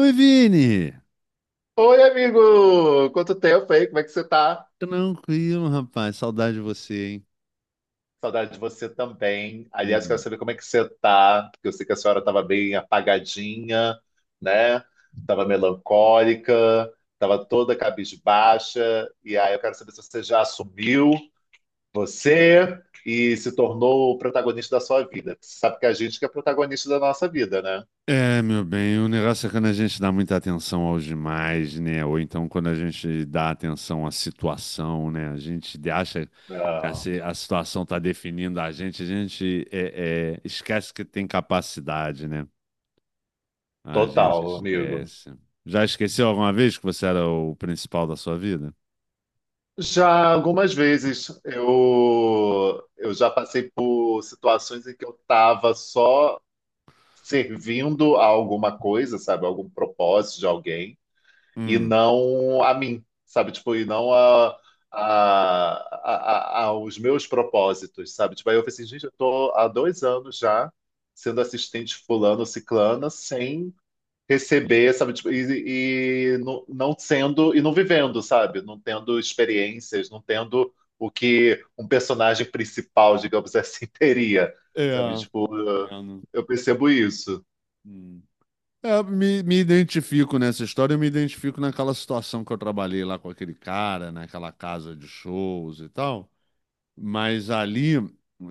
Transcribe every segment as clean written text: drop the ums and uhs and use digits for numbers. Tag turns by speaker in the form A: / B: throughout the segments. A: Oi, Vini!
B: Oi, amigo! Quanto tempo aí? Como é que você tá?
A: Tranquilo, rapaz. Saudade de você, hein?
B: Saudade de você também. Aliás, quero
A: Hum.
B: saber como é que você tá, porque eu sei que a senhora estava bem apagadinha, né? Tava melancólica, tava toda cabisbaixa. E aí eu quero saber se você já assumiu você e se tornou o protagonista da sua vida. Você sabe que é a gente que é protagonista da nossa vida, né?
A: É, meu bem, o negócio é quando a gente dá muita atenção aos demais, né? Ou então quando a gente dá atenção à situação, né? A gente acha que
B: Ah,
A: a situação tá definindo a gente esquece que tem capacidade, né? A gente
B: total, amigo.
A: esquece. Já esqueceu alguma vez que você era o principal da sua vida?
B: Já algumas vezes eu já passei por situações em que eu estava só servindo a alguma coisa, sabe? Algum propósito de alguém, e
A: Hum.
B: não a mim, sabe? Tipo, e não aos meus propósitos, sabe? Tipo, aí eu falei assim, gente, eu tô há 2 anos já sendo assistente fulano, ciclana, sem receber, sabe, tipo, e não, não sendo e não vivendo, sabe? Não tendo experiências, não tendo o que um personagem principal, digamos assim, teria, sabe?
A: É,
B: Tipo,
A: entendo.
B: eu percebo isso.
A: Hum. É, me identifico nessa história, eu me identifico naquela situação que eu trabalhei lá com aquele cara, naquela casa de shows e tal. Mas ali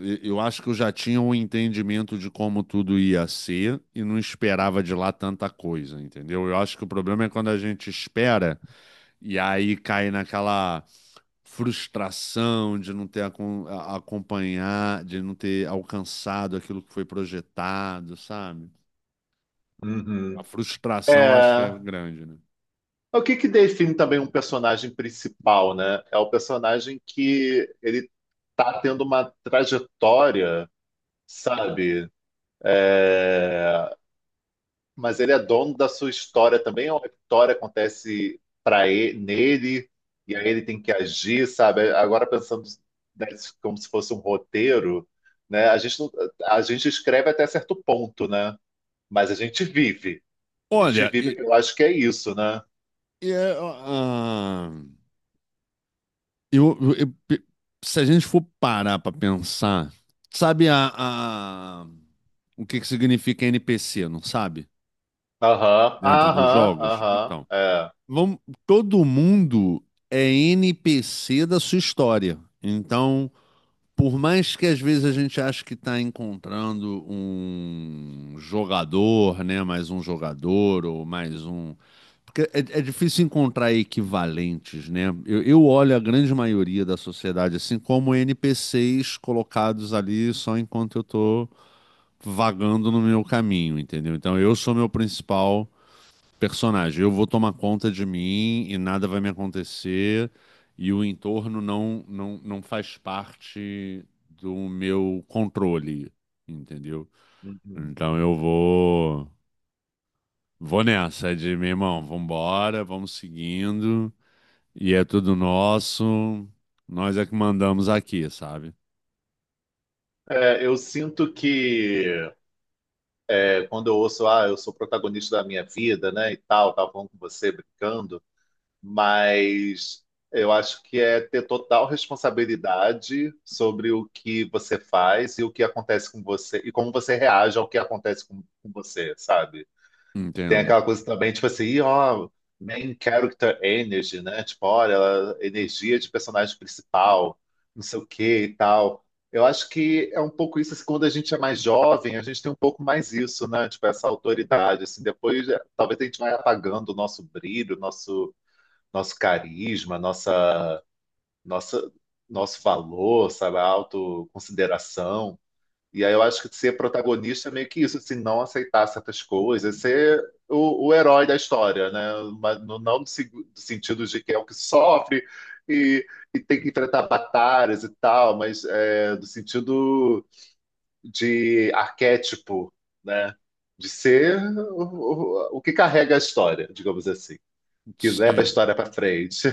A: eu acho que eu já tinha um entendimento de como tudo ia ser e não esperava de lá tanta coisa, entendeu? Eu acho que o problema é quando a gente espera e aí cai naquela frustração de não ter acompanhar, de não ter alcançado aquilo que foi projetado, sabe? A
B: Uhum.
A: frustração acho que é
B: É,
A: grande, né?
B: o que que define também um personagem principal, né? É o personagem que ele tá tendo uma trajetória, sabe? É, mas ele é dono da sua história também, ou a história acontece para ele, nele, e aí ele tem que agir, sabe? Agora pensando né, como se fosse um roteiro, né? A gente, a gente escreve até certo ponto, né? Mas a gente vive. A gente
A: Olha,
B: vive, eu acho que é isso, né?
A: e é, eu, eu- eu pe- se a gente for parar para pensar, sabe a- o que que significa NPC, não sabe?
B: Aham,
A: Dentro dos
B: aham,
A: jogos?
B: aham,
A: Então,
B: é.
A: vamos, todo mundo é NPC da sua história. Então, por mais que às vezes a gente ache que está encontrando um jogador, né? Mais um jogador ou mais um. Porque é difícil encontrar equivalentes, né? Eu olho a grande maioria da sociedade assim como NPCs colocados ali só enquanto eu tô vagando no meu caminho, entendeu? Então eu sou meu principal personagem. Eu vou tomar conta de mim e nada vai me acontecer e o entorno não faz parte do meu controle, entendeu?
B: Uhum.
A: Então eu vou nessa é de meu irmão, vambora, vamos seguindo e é tudo nosso. Nós é que mandamos aqui, sabe?
B: É, eu sinto que é, quando eu ouço, ah, eu sou protagonista da minha vida, né, e tal, tava falando com você, brincando, mas eu acho que é ter total responsabilidade sobre o que você faz e o que acontece com você e como você reage ao que acontece com você, sabe? Tem
A: Entendo.
B: aquela coisa também, tipo assim, "Ih, ó, main character energy, né? Tipo, olha, energia de personagem principal, não sei o que e tal. Eu acho que é um pouco isso, assim, quando a gente é mais jovem, a gente tem um pouco mais isso, né? Tipo, essa autoridade, assim, depois talvez a gente vai apagando o nosso brilho, o nosso carisma, nossa, nossa, nosso valor, sabe, a autoconsideração. E aí eu acho que ser protagonista é meio que isso, assim, não aceitar certas coisas, ser o herói da história, né? Mas no sentido de que é o que sofre e, e tem que enfrentar batalhas e tal, mas é, no sentido de arquétipo, né? De ser o, o que carrega a história, digamos assim que leva a
A: Sim.
B: história para frente.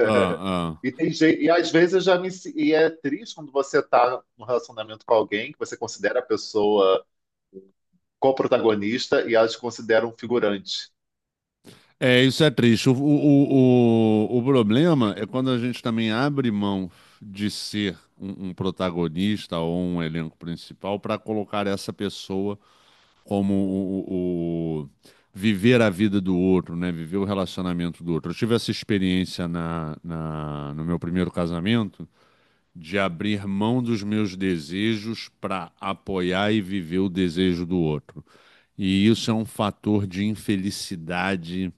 A: Ah,
B: E
A: ah.
B: tem gente, e às vezes eu já me se- e é triste quando você tá num relacionamento com alguém que você considera a pessoa co-protagonista e elas te consideram um figurante.
A: É, isso é triste. O problema é quando a gente também abre mão de ser um protagonista ou um elenco principal para colocar essa pessoa como viver a vida do outro, né? Viver o relacionamento do outro. Eu tive essa experiência no meu primeiro casamento de abrir mão dos meus desejos para apoiar e viver o desejo do outro. E isso é um fator de infelicidade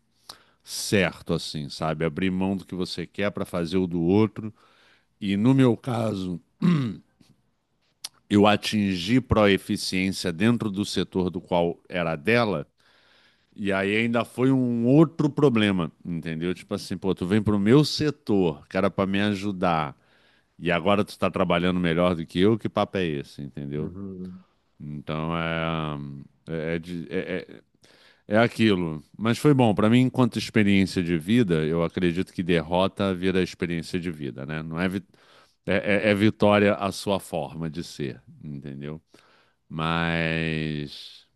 A: certo, assim, sabe? Abrir mão do que você quer para fazer o do outro. E no meu caso, eu atingi proeficiência dentro do setor do qual era dela. E aí ainda foi um outro problema, entendeu? Tipo assim, pô, tu vem pro meu setor, cara, pra me ajudar. E agora tu tá trabalhando melhor do que eu, que papo é esse, entendeu?
B: Uhum.
A: Então é. É, é de- é- é É aquilo. Mas foi bom. Para mim, enquanto experiência de vida, eu acredito que derrota vira experiência de vida, né? Não é, é, vitória a sua forma de ser, entendeu? Mas.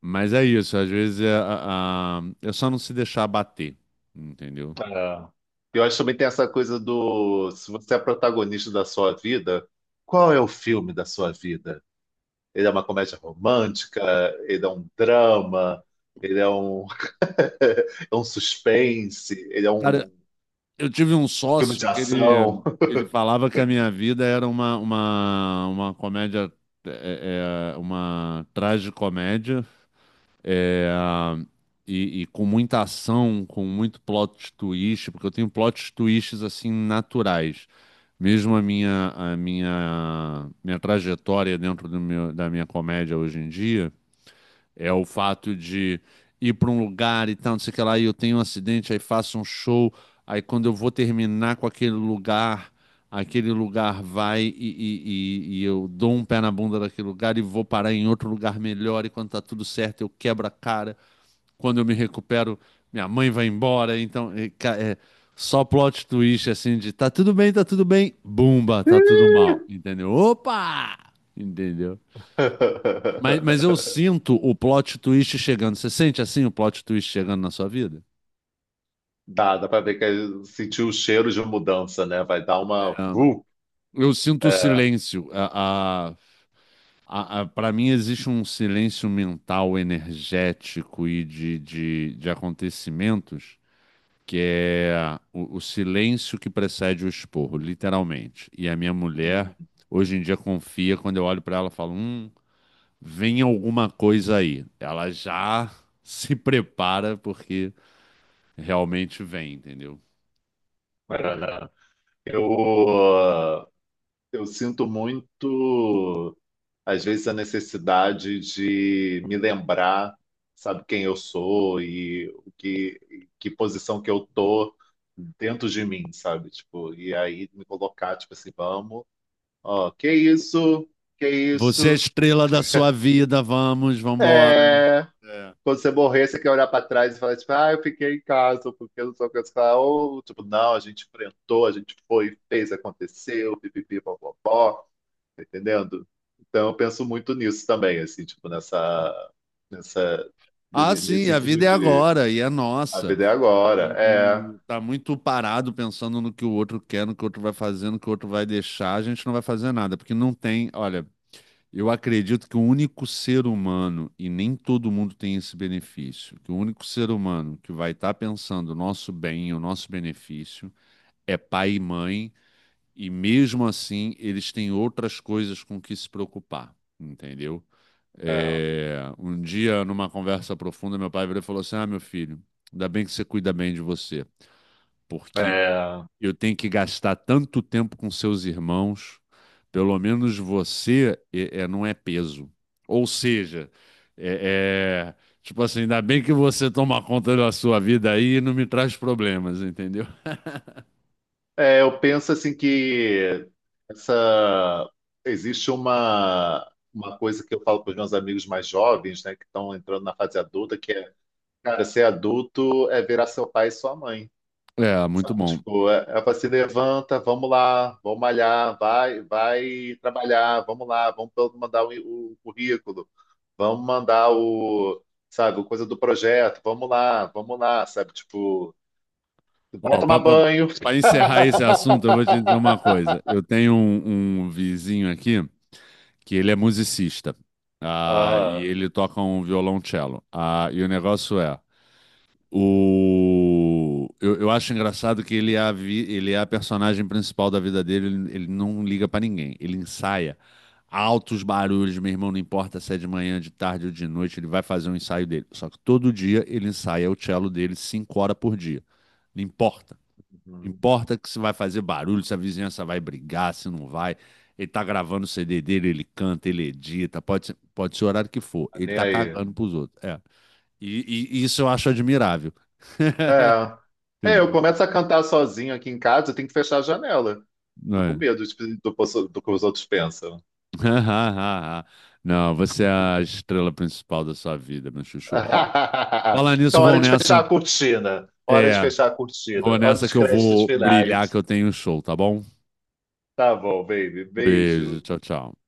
A: Mas é isso. Às vezes é só não se deixar bater, entendeu?
B: É. Eu acho que também tem essa coisa do se você é protagonista da sua vida, qual é o filme da sua vida? Ele é uma comédia romântica, ele é um drama, ele é um, é um suspense, ele é
A: Cara,
B: um
A: eu tive um
B: filme de
A: sócio que ele,
B: ação.
A: ele falava que a minha vida era uma comédia, uma tragicomédia. É, e com muita ação, com muito plot twist, porque eu tenho plot twists assim naturais. Mesmo a minha trajetória dentro da minha comédia hoje em dia é o fato de ir para um lugar e tal, não sei o que lá, e eu tenho um acidente, aí faço um show, aí quando eu vou terminar com aquele lugar vai e eu dou um pé na bunda daquele lugar e vou parar em outro lugar melhor, e quando tá tudo certo eu quebro a cara, quando eu me recupero, minha mãe vai embora, então é só plot twist assim de tá tudo bem, bumba, tá tudo mal, entendeu? Opa! Entendeu? Mas eu sinto o plot twist chegando. Você sente assim o plot twist chegando na sua vida?
B: Dá pra ver que ele sentiu o cheiro de mudança, né? Vai dar uma.
A: Eu sinto o
B: É.
A: silêncio. Pra mim existe um silêncio mental, energético e de acontecimentos que é o silêncio que precede o esporro, literalmente. E a minha mulher,
B: Uhum.
A: hoje em dia, confia. Quando eu olho pra ela, eu falo: vem alguma coisa aí. Ela já se prepara porque realmente vem, entendeu?
B: Maraná. Eu, uh, eu sinto muito, às vezes, a necessidade de me lembrar, sabe, quem eu sou e o que, que posição que eu tô dentro de mim, sabe? Tipo, e aí me colocar, tipo assim, vamos, ó, que
A: Você é a
B: isso,
A: estrela da sua vida, vamos, vambora.
B: é.
A: É.
B: Quando você morrer, você quer olhar para trás e falar, tipo, ah, eu fiquei em casa, porque eu não sou coisa. Falar, ou, tipo, não, a gente enfrentou, a gente foi, fez, aconteceu, pipipi, popopó, tá entendendo? Então, eu penso muito nisso também, assim, tipo, nessa, nessa,
A: Ah,
B: nesse
A: sim, a
B: sentido
A: vida é
B: de
A: agora e é
B: a
A: nossa.
B: vida é agora.
A: E,
B: É,
A: e tá muito parado pensando no que o outro quer, no que o outro vai fazer, no que o outro vai deixar. A gente não vai fazer nada, porque não tem. Olha, eu acredito que o único ser humano, e nem todo mundo tem esse benefício, que o único ser humano que vai estar pensando o nosso bem, o nosso benefício, é pai e mãe. E mesmo assim, eles têm outras coisas com que se preocupar, entendeu?
B: é,
A: É, um dia, numa conversa profunda, meu pai virou e falou assim: Ah, meu filho, ainda bem que você cuida bem de você, porque
B: é.
A: eu tenho que gastar tanto tempo com seus irmãos, pelo menos você não é peso. Ou seja, é, é, tipo assim, ainda bem que você toma conta da sua vida aí e não me traz problemas, entendeu?
B: É, eu penso, assim, que essa, existe uma coisa que eu falo para os meus amigos mais jovens, né, que estão entrando na fase adulta, que é cara, ser adulto é virar seu pai e sua mãe.
A: É, muito
B: Sabe?
A: bom.
B: Tipo, é, é pra se levanta, vamos lá, vamos malhar, vai, vai trabalhar, vamos lá, vamos todo mandar o currículo, vamos mandar o, sabe, o coisa do projeto, vamos lá, sabe? Tipo, vai
A: Ó,
B: tomar banho.
A: para encerrar esse assunto, eu vou te dizer uma coisa. Eu tenho um vizinho aqui que ele é musicista, e
B: Ah,
A: ele toca um violoncello. Ah, e o negócio é, eu acho engraçado que ele é a personagem principal da vida dele, ele não liga para ninguém, ele ensaia. Altos barulhos, meu irmão, não importa se é de manhã, de tarde ou de noite, ele vai fazer um ensaio dele. Só que todo dia ele ensaia o cello dele 5 horas por dia. Não importa.
B: uhum,
A: Importa que se vai fazer barulho, se a vizinhança vai brigar, se não vai. Ele tá gravando o CD dele, ele canta, ele edita, pode ser o horário que for.
B: tá
A: Ele
B: nem
A: tá
B: aí.
A: cagando pros outros. É. E isso eu acho admirável.
B: É. É, eu
A: Entendeu?
B: começo a cantar sozinho aqui em casa, eu tenho que fechar a janela.
A: Não,
B: Fico com
A: é?
B: medo do, do que os outros pensam.
A: Não, você é a estrela principal da sua vida, meu chuchu. Ó, falar nisso,
B: Então, hora
A: vou
B: de fechar
A: nessa.
B: a cortina. Hora de
A: É,
B: fechar a
A: vou
B: cortina. Hora
A: nessa
B: dos
A: que eu
B: créditos
A: vou brilhar, que
B: finais.
A: eu tenho um show, tá bom?
B: Tá bom, baby.
A: Beijo,
B: Beijo.
A: tchau, tchau.